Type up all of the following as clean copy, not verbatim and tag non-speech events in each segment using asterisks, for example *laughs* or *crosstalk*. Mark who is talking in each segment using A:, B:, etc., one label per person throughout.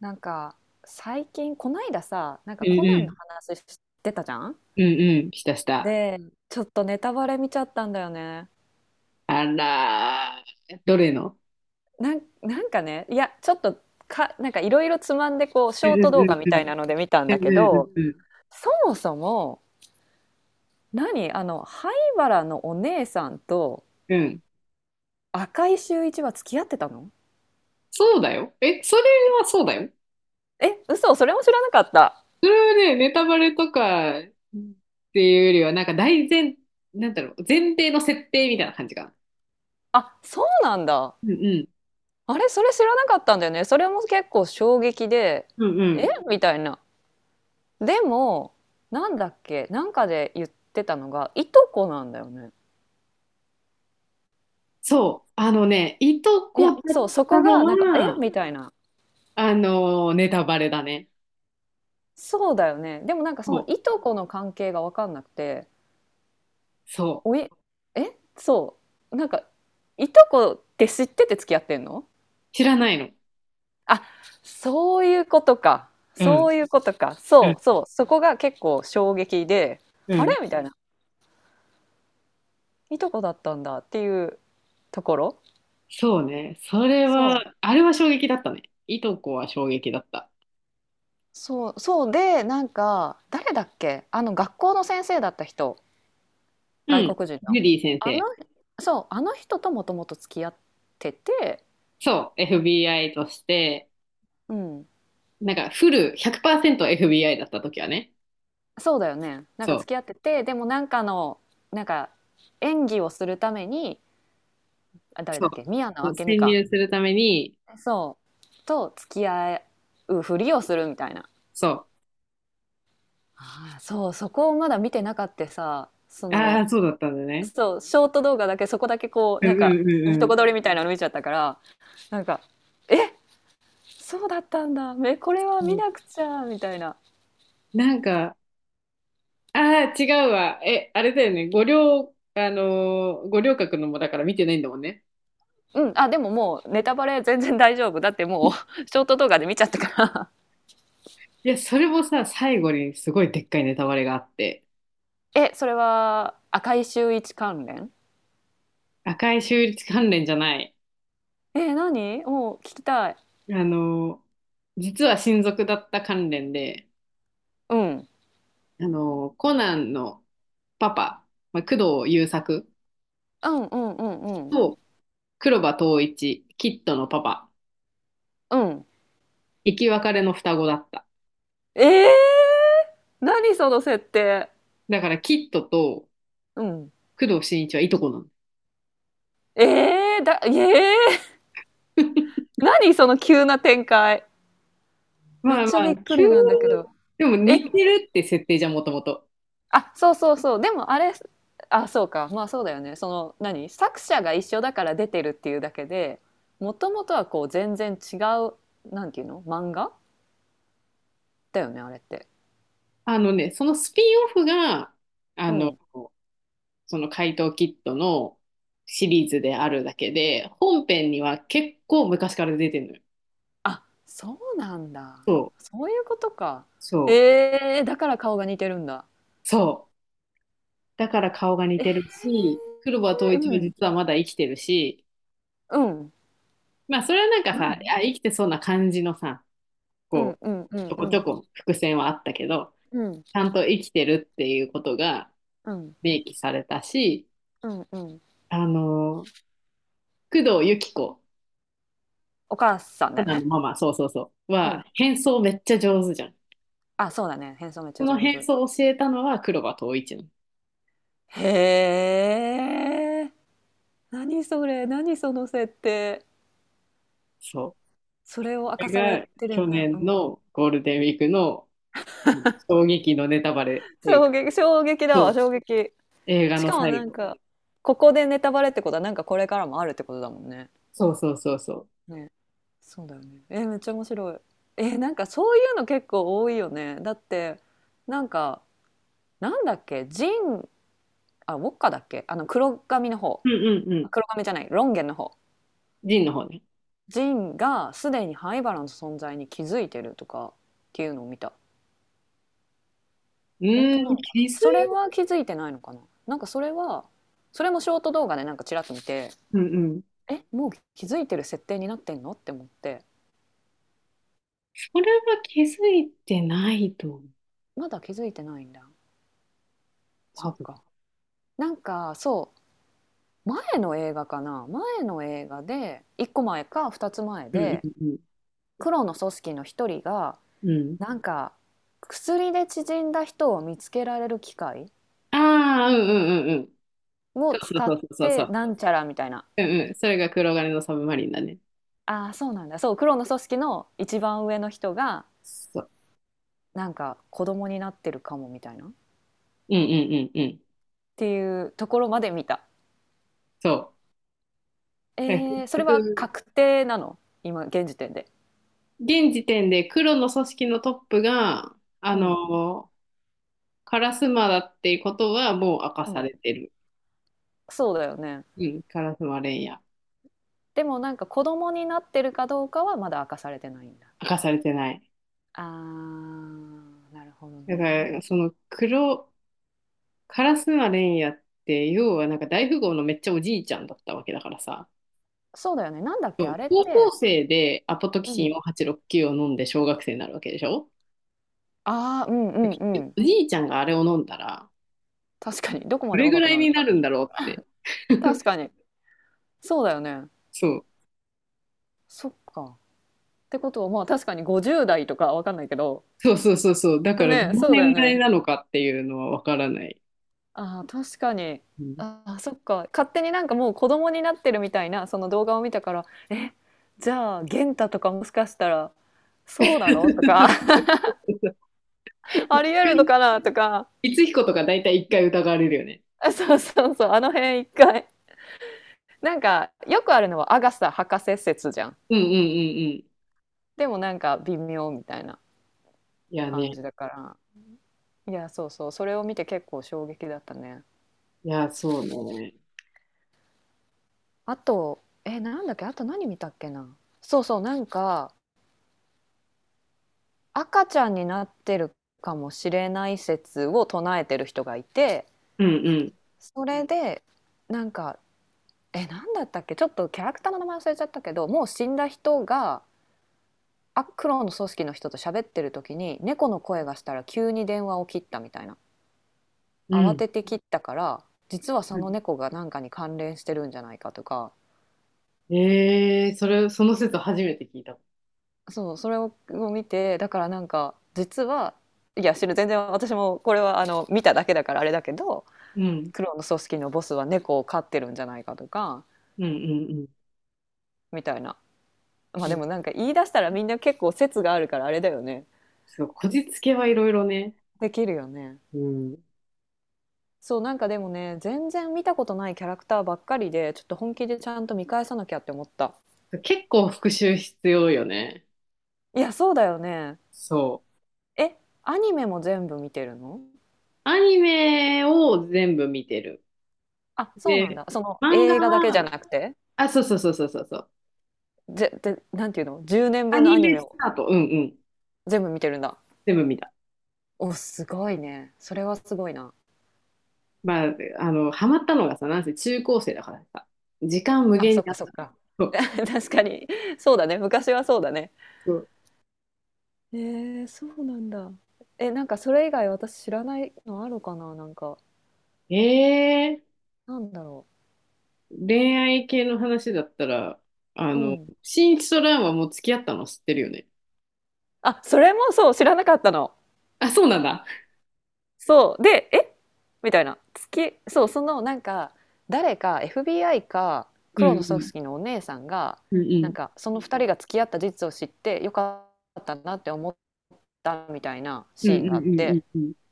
A: なんか最近こないださ、
B: うん
A: コナ
B: う
A: ンの
B: ん。
A: 話してたじゃん。
B: うんうん。したした。
A: で、ちょっとネタバレ見ちゃったんだよね。
B: あらー、どれの？
A: いや、ちょっと、なんかいろいろつまんで、こうシ
B: う
A: ョ
B: ん
A: ー
B: う
A: ト動
B: ん
A: 画み
B: うんう
A: たい
B: ん。
A: なので見たん
B: う
A: だ
B: ん
A: け
B: うん
A: ど、
B: うんうん。
A: そもそも何、あの灰原のお姉さんと赤井秀一は付き合ってたの？
B: そうだよ。え、それはそうだよ。
A: え、嘘、それも知らなかった。
B: それはね、ネタバレとかっていうよりは、なんか大前、なんだろう、前提の設定みたいな感じが。
A: あ、そうなんだ。
B: うんうん。
A: あれ、それ知らなかったんだよね。それも結構衝撃で、
B: うんう
A: え、
B: ん。
A: みたいな。でもなんだっけ、で言ってたのがいとこなんだよね。
B: そう。あのね、いと
A: い
B: こ
A: や、
B: だっ
A: そう、そ
B: た
A: こ
B: の
A: がなんか「え」
B: は、
A: みたいな。
B: ネタバレだね。
A: そうだよね。でもなんかその
B: そ
A: い
B: う。
A: とこの関係が分かんなくて
B: そ
A: 「お
B: う。
A: い、え、そう、なんか、いとこって知ってて付き合ってんの？」
B: 知らないの。
A: あ、そういうことか。
B: う
A: そ
B: ん。
A: ういうことか。
B: う
A: そ
B: ん。
A: うそう、そこが結構衝撃で
B: う
A: 「あれ？」
B: ん。
A: みたいな「いとこだったんだ」っていうところ。
B: そうね。それ
A: そ
B: は、
A: う、
B: あれは衝撃だったね。いとこは衝撃だった。
A: そう、そうで、なんか、誰だっけ、あの、学校の先生だった人、
B: う
A: 外
B: ん。
A: 国人の。
B: ジュディ先
A: あの、
B: 生。
A: そう、あの人ともともと付き合ってて、
B: そう。FBI として、
A: うん、
B: なんかフル 100%FBI だった時はね。
A: そうだよね。なん
B: そ
A: か
B: う。
A: 付き合ってて、でもなんかの、なんか、演技をするために、あ、誰
B: そ
A: だ
B: う。
A: っけ、宮野
B: そう
A: 明美
B: 潜
A: か。
B: 入するために、
A: そう、と付き合うふりをするみたいな。
B: そ
A: ああ、そう、そこをまだ見てなかってさ、そ
B: う。あ
A: の、
B: あ、そうだったんだね。
A: そう、ショート動画だけ、そこだけ、こう
B: うん
A: なんか
B: うんう
A: いい
B: ん
A: と
B: う
A: こ取りみたいなの見ちゃったから、なんか「え、そうだったんだ、めこれは
B: ん。
A: 見
B: う
A: な
B: ん、
A: くちゃ」みたいな
B: なんか、ああ、違うわ。え、あれだよね。五稜、五稜郭のもだから見てないんだもんね。
A: 「うん、あ、でももうネタバレ全然大丈夫だって、もう *laughs* ショート動画で見ちゃったから」。
B: いや、それもさ、最後にすごいでっかいネタバレがあって。
A: え、それは赤井秀一関連？
B: 赤い州立関連じゃない。
A: え、何、もう聞きたい。
B: あの、実は親族だった関連で、
A: うん、
B: あの、コナンのパパ、まあ、工藤優作
A: うんうんうんうん
B: と黒羽統一、キッドのパパ、
A: うん。
B: 生き別れの双子だった。
A: えー、何その設定？
B: だからキッドと
A: うん
B: 工藤新一はいとこなの。
A: えー、だ、えー、
B: *laughs*
A: 何その急な展開、めっ
B: まあま
A: ちゃび
B: あ、
A: っく
B: 急に
A: りなんだけど。
B: でも
A: え、
B: 似てるって設定じゃん、もともと。
A: あ、そうそうそう。でもあれ、あ、そうか。まあそうだよね。その、何、作者が一緒だから出てるっていうだけで、もともとはこう全然違う、なんていうの、漫画だよね、あれって。
B: あのね、そのスピンオフが、あ
A: う
B: の、
A: ん。
B: その怪盗キットのシリーズであるだけで、本編には結構昔から出てるのよ。
A: あ、そうなんだ。
B: そう、
A: そういうことか。
B: そう、
A: えー、だから顔が似てるんだ。
B: そう。だから顔が似
A: え
B: てるし、黒羽統
A: ー、
B: 一
A: う
B: は
A: ん、
B: 実はまだ生きてるし、
A: うん、
B: まあそれはなんかさ、あ、生きてそうな感じのさ、
A: う
B: こ
A: ん、うん、う
B: う、ち
A: ん、
B: ょ
A: う
B: こちょ
A: ん、
B: こ伏線はあったけど、
A: うん、
B: ちゃんと生きてるっていうことが
A: うん、
B: 明記されたし、
A: うん、うん。
B: あのー、工藤由紀子、
A: お母さん
B: コ
A: だよ
B: ナンの
A: ね。
B: ママ、そうそうそう、
A: う
B: は
A: ん。
B: 変装めっちゃ上手じゃん。
A: あ、そうだね。変装めっち
B: そ
A: ゃ
B: の
A: 上
B: 変
A: 手。
B: 装を教えたのは黒羽統一なの。
A: へえ。何それ、何その設定。
B: そう。
A: それを明
B: こ
A: か
B: れ
A: され
B: が
A: てる
B: 去
A: んだ。う
B: 年
A: ん。
B: のゴールデンウィークの衝撃のネタバレっていう
A: 衝
B: か、
A: 撃、衝撃
B: そ
A: だわ、
B: う、
A: 衝撃。
B: 映画
A: し
B: の
A: かも
B: 最
A: なん
B: 後。
A: か、ここでネタバレってことは、なんかこれからもあるってことだもんね。
B: そうそうそうそう。
A: ね、そうだよね。え、めっちゃ面白い。え、なんかそういうの結構多いよね。だって、なんか、なんだっけ、ジン、あ、ウォッカだっけ、あの、黒髪の方。
B: うんうんう
A: あ、
B: ん。
A: 黒髪じゃない、ロンゲンの方。
B: ジンの方ね。
A: ジンがすでに灰原の存在に気づいてるとかっていうのを見た。
B: う
A: 本
B: ー
A: 当な
B: ん、
A: のかな、
B: 気づい、
A: それは。気づいてないのかな。なんかそれは、それもショート動画でなんかちらっと見て、
B: うんうん。
A: え、もう気づいてる設定になってんのって思って。
B: それは気づいてないと思う。
A: まだ気づいてないんだ。そ
B: 多
A: っ
B: 分。
A: か。なんかそう、前の映画かな、前の映画で1個前か2つ前
B: うん
A: で、
B: うん
A: 黒の組織の1人が
B: うん。うん。
A: なんか薬で縮んだ人を見つけられる機械
B: ああ、うんうんうんうん。
A: を
B: そう
A: 使
B: そ
A: っ
B: うそうそうそ
A: て
B: う。
A: なんちゃらみたいな。
B: うんうん。それが黒金のサブマリンだね。
A: ああ、そうなんだ。そう、黒の組織の一番上の人が
B: そう。
A: なんか子供になってるかもみたいなっ
B: うんうんうんうん。
A: ていうところまで見た。
B: そう。え、結
A: えー、それは
B: 局
A: 確定なの、今現時点で？
B: 現時点で黒の組織のトップが、あ
A: うん
B: の、カラスマだっていうことはもう明か
A: う
B: さ
A: ん
B: れてる。
A: そうだよね。
B: うん、カラスマレンヤ。
A: でもなんか子供になってるかどうかはまだ明かされてないんだ。
B: 明かされてない。
A: あー、なるほど
B: だから、
A: ね。
B: その黒、カラスマレンヤって、要はなんか大富豪のめっちゃおじいちゃんだったわけだからさ。
A: そうだよね。なんだっけ、
B: そ
A: あ
B: う、
A: れっ
B: 高校
A: て。
B: 生でアポトキ
A: う
B: シン
A: ん
B: を869を飲んで小学生になるわけでしょ。
A: ああ、うんううん。
B: おじいちゃんがあれを飲んだら、
A: 確かに。どこ
B: ど
A: まで
B: れぐ
A: 若く
B: らい
A: なるん
B: にな
A: だろ
B: るんだろうって。
A: う。確かに。そうだよね。
B: そう。
A: そっか。ってことは、まあ確かに50代とかわかんないけど。
B: そうそうそうそう。だから、ど
A: ね、
B: の
A: そうだよ
B: 年代
A: ね。
B: なのかっていうのはわからない。
A: ああ、確かに。
B: うん。
A: ああ、そっか。勝手になんかもう子供になってるみたいな、その動画を見たから、え、じゃあ、元太とかもしかしたら、そうなのとか、
B: *laughs*
A: *laughs* ありえるのかなとか、
B: いつひことか大体一回疑われるよね。
A: あ、そうそうそう、あの辺一回。なんか、よくあるのはアガサ博士説じゃん。
B: うんうんうんうん。
A: でもなんか微妙みたいな
B: いや
A: 感
B: ね。
A: じだから。いや、そうそう、それを見て結構衝撃だったね。
B: いや、そうね。
A: あと、え、なんだっけ、あと何見たっけな。そうそう、なんか、赤ちゃんになってるかもしれない説を唱えてる人がいて、
B: うんうん。
A: それで、なんか、え、なんだったっけ、ちょっとキャラクターの名前忘れちゃったけど、もう死んだ人が、あ、黒の組織の人と喋ってる時に猫の声がしたら急に電話を切ったみたいな。
B: う
A: 慌
B: ん。
A: てて切ったから実は
B: う
A: そ
B: ん、
A: の猫が何かに関連してるんじゃないかとか。
B: ええ、それ、その説初めて聞いた。
A: そう、それをを見て、だからなんか実は、いや知る、全然私もこれはあの見ただけだからあれだけど、
B: うん。
A: 黒の組織のボスは猫を飼ってるんじゃないかとか、
B: うんうん
A: みたいな。まあ
B: うん。
A: で
B: うん、
A: もなんか言い出したらみんな結構説があるからあれだよね、
B: そう、こじつけはいろいろね。
A: できるよね。
B: うん。
A: そう、なんかでもね、全然見たことないキャラクターばっかりで、ちょっと本気でちゃんと見返さなきゃって思った。
B: 結構復習必要よね。
A: いや、そうだよね。
B: そう。
A: え、アニメも全部見てるの？
B: アニメを全部見てる。
A: あ、そうなん
B: で、
A: だ、その
B: 漫画
A: 映画だけじゃ
B: は、
A: なくて。
B: あ、そうそうそうそうそうそう。
A: ぜ、で、なんていうの、10年
B: ア
A: 分の
B: ニ
A: アニ
B: メ
A: メ
B: ス
A: を
B: タート。うんうん。
A: 全部見てるんだ。
B: 全部見た。
A: お、すごいね、それはすごいな。
B: まあ、あの、ハマったのがさ、なんせ中高生だからさ、時間無
A: あ、
B: 限に
A: そっ
B: あ
A: か
B: っ
A: そっ
B: た。
A: か。
B: そ
A: *laughs*
B: う
A: 確かに。そうだね、昔はそうだね。
B: そう。
A: えー、そうなんだ。え、なんかそれ以外私知らないのあるかな、なんか、
B: えー、
A: なんだろ
B: 恋愛系の話だったら、あ
A: う。う
B: の、
A: ん。
B: 新一と蘭はもう付き合ったの知ってるよね。
A: あ、それもそう、知らなかったの。
B: あ、そうなんだ。
A: そう。で、え、みたいな。月、そう、そのなんか、誰か、 FBI か
B: う
A: 黒の組
B: ん
A: 織のお姉さんが、
B: う
A: なん
B: ん
A: かその二人が付き合った事実を知って、よかったなって思ったみたいな
B: う
A: シ
B: ん
A: ーン
B: うん
A: があっ
B: う
A: て、
B: んうんうん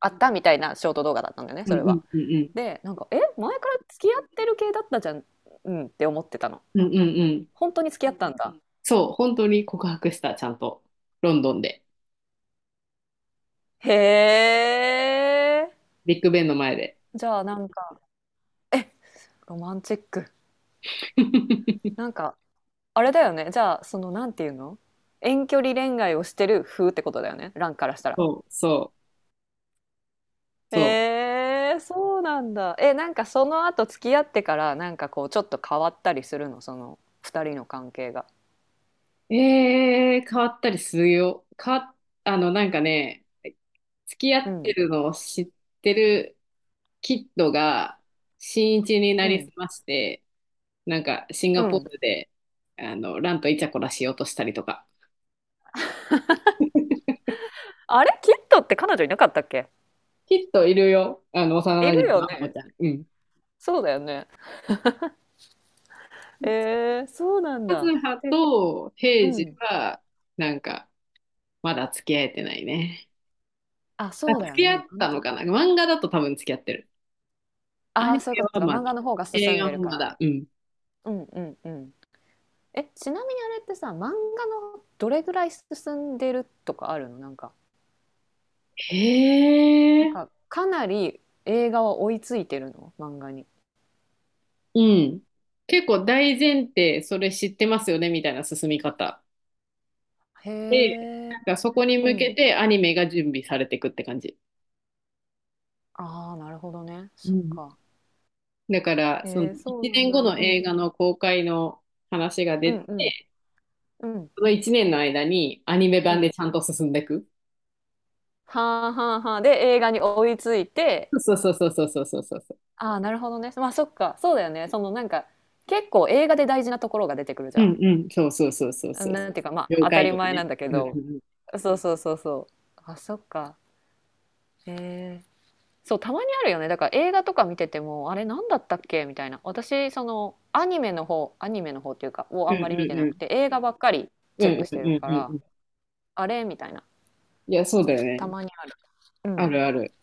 A: あったみたいなショート動画だったんだよね、
B: う
A: そ
B: ん
A: れ
B: うん
A: は。
B: うん
A: で、なんか、え、前から付き合ってる系だったじゃん、うんって思ってたの。
B: うんうんうんうん、
A: 本当に付き合ったんだ。
B: そう、本当に告白した、ちゃんと。ロンドンで。
A: へえ。
B: ビッグベンの前で。
A: じゃあなんか、え、ロマンチック。
B: *laughs*
A: なんか、あれだよね。じゃあ、その、なんていうの、遠距離恋愛をしてる風ってことだよね、ランからしたら。
B: そうそうそう。
A: えー、そうなんだ。え、なんかその後付き合ってから、なんかこう、ちょっと変わったりするの、その、二人の関係が。
B: ええ、変わったりするよ。変わっ、あの、なんかね、付き合
A: う
B: って
A: ん、
B: るのを知ってるキッドが、新一にな
A: う
B: りす
A: ん、
B: まして、なんか、シン
A: う
B: ガポー
A: ん。
B: ルで、あの、ランとイチャコラしようとしたりとか。
A: あれ、キットって彼女いなかったっけ？
B: キッドいるよ。あの、幼
A: い
B: 馴
A: る
B: 染
A: よ
B: のアホ
A: ね。
B: ちゃん。うん。
A: そうだよね。えー、そうなん
B: カ
A: だ。
B: ズハ
A: で、
B: とヘ
A: う
B: イジ
A: ん。
B: は、なんか、まだ付き合えてないね。
A: あ、
B: あ、
A: そうだ
B: 付
A: よ
B: き合
A: ね。
B: っ
A: あの、
B: たのかな、漫画だと多分付き合ってる。ア
A: あ
B: ニ
A: あ、そういう
B: メ
A: こと
B: は
A: か。
B: ま
A: 漫
B: だ。
A: 画の方が
B: 映
A: 進ん
B: 画
A: でる
B: も
A: か
B: ま
A: ら。
B: だ。うん。
A: うんうんうん。え、ちなみにあれってさ、漫画のどれぐらい進んでるとかあるの、なんか、
B: へ
A: なん
B: え。
A: か、かなり映画は追いついてるの、漫画に。
B: うん。結構大前提、それ知ってますよね、みたいな進み方。
A: へ
B: で、
A: え。
B: なんかそこに
A: う
B: 向
A: ん。
B: けてアニメが準備されていくって感じ。
A: ああ、なるほどね。
B: う
A: そっ
B: ん。
A: か。
B: だから、その
A: へえ、そう
B: 1
A: なん
B: 年後
A: だ。
B: の
A: う
B: 映
A: ん。
B: 画の公開の話が
A: う
B: 出
A: んうん
B: て、
A: うん
B: その1年の間にアニメ
A: う
B: 版で
A: ん。
B: ちゃんと進んでいく。
A: はあはあはあ。で、映画に追いついて、
B: そうそうそうそうそうそうそうそう。
A: ああ、なるほどね。まあそっか。そうだよね。そのなんか、結構映画で大事なところが出てくるじ
B: う
A: ゃ
B: んうん。そうそうそうそうそ
A: ん。
B: う、
A: なんていうか、ま
B: 了
A: あ当た
B: 解
A: り
B: とか
A: 前な
B: ね。
A: んだけ
B: うんうん
A: ど、
B: うん。
A: そうそうそうそう、あ、そっか。へえ。そう、たまにあるよね、だから。映画とか見てても、あれ何だったっけみたいな。私そのアニメの方、アニメの方っていうかをあ
B: う
A: ん
B: んう
A: まり見て
B: んう
A: なく
B: ん。
A: て、映画ばっかり
B: う
A: チェック
B: ん
A: し
B: う
A: て
B: ん
A: る
B: う
A: か
B: んう
A: ら、
B: ん。
A: あれみたいな、
B: いや、そうだよ
A: た
B: ね。
A: まにある。う
B: あ
A: ん
B: るある。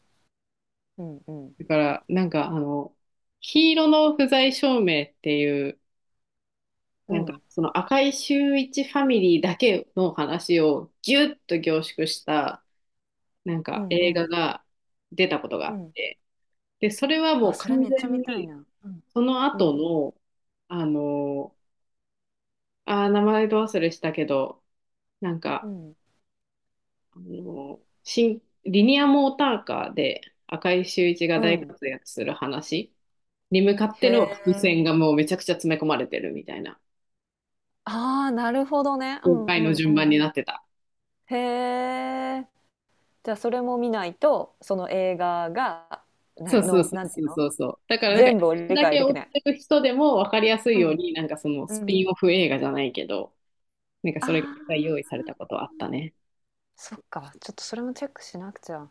A: うんうん
B: だから、なんかあの、黄色の不在証明っていう、
A: う
B: なんか
A: ん
B: その赤井秀一ファミリーだけの話をギュッと凝縮した、なん
A: う
B: か
A: んう
B: 映画
A: ん
B: が出たことがあ
A: う
B: っ
A: ん
B: て、で、それは
A: あ、
B: もう
A: それ
B: 完
A: めっちゃ見
B: 全
A: たい
B: に、
A: な。うん
B: その
A: う
B: 後
A: ん
B: の、あの、あー、名前ど忘れしたけど、なん
A: う
B: か、
A: ん
B: あの、新、リニアモーターカーで赤井秀一が
A: う
B: 大
A: ん
B: 活躍する話に向かっ
A: へ
B: ての伏
A: え。
B: 線がもうめちゃくちゃ詰め込まれてるみたいな、
A: ああー、なるほどね。う
B: 公
A: んう
B: 開の
A: んう
B: 順番
A: ん
B: になってた。
A: へえ。じゃあそれも見ないと、その映画が、な
B: そうそう
A: の、
B: そ
A: な
B: う
A: んて
B: そ
A: いう
B: う
A: の、
B: そうそう。だからなんか、
A: 全部を理
B: だ
A: 解
B: け
A: で
B: 追
A: き
B: っ
A: な
B: て
A: い。
B: る人でも分かりやすい
A: う
B: よう
A: ん。
B: に、なんかその
A: う
B: スピ
A: ん、
B: ンオフ映画じゃないけど、なんかそれ
A: あ
B: が用意
A: あ、
B: されたことはあったね。
A: そっか、ちょっとそれもチェックしなくちゃ。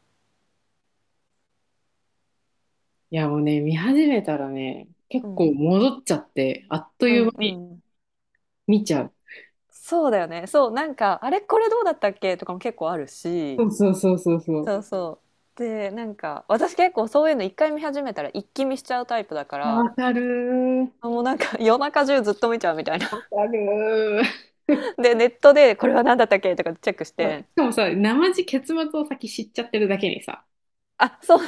B: いやもうね、見始めたらね、結
A: う
B: 構
A: ん、
B: 戻っちゃって、あっと
A: う
B: いう
A: ん、
B: 間
A: う
B: に
A: ん
B: 見ちゃう。
A: そうだよね。そう、なんかあれこれどうだったっけとかも結構あるし、
B: そうそうそうそうそう。
A: そうそう、で、なんか私結構そういうの一回見始めたら一気見しちゃうタイプだか
B: いや、わ
A: ら、
B: かるー。
A: もうなんか夜中中ずっと見ちゃうみたいな、
B: わかるー。
A: でネットでこれは何だったっけとかチェックし
B: *laughs* そう、し
A: て、
B: かもさ、生地結末を先知っちゃってるだけにさ、
A: あ、そう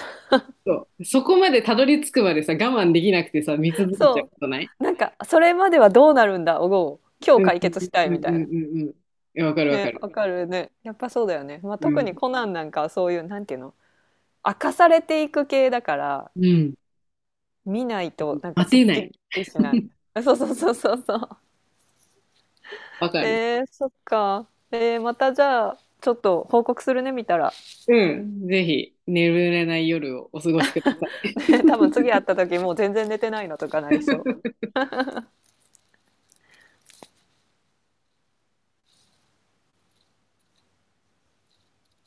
B: そう、そこまでたどり着くまでさ、我慢できなくてさ、見続けちゃう
A: そ
B: ことない？
A: う。なんか、それまではどうなるんだを今日
B: うん
A: 解
B: うん
A: 決したい
B: うん
A: みた
B: う
A: い
B: ん
A: な。
B: うんうん。いや、わかるわか
A: ね、
B: る。
A: わかるね。やっぱそうだよね。まあ、
B: う
A: 特に
B: ん。
A: コナンなんかはそういう、なんていうの、明かされていく系だから、
B: うん。
A: 見ないとなんか
B: 待
A: すっ
B: てな
A: き
B: い。
A: りしない。
B: *laughs*
A: *laughs* そうそうそうそうそう。
B: わかる。
A: えー、そっか。えー、またじゃあ、ちょっと報告するね、見たら。
B: うん。ぜひ、眠れない夜をお過ごしください。
A: ね、多分次会った時もう全然寝てないのとかなりそう。
B: *laughs*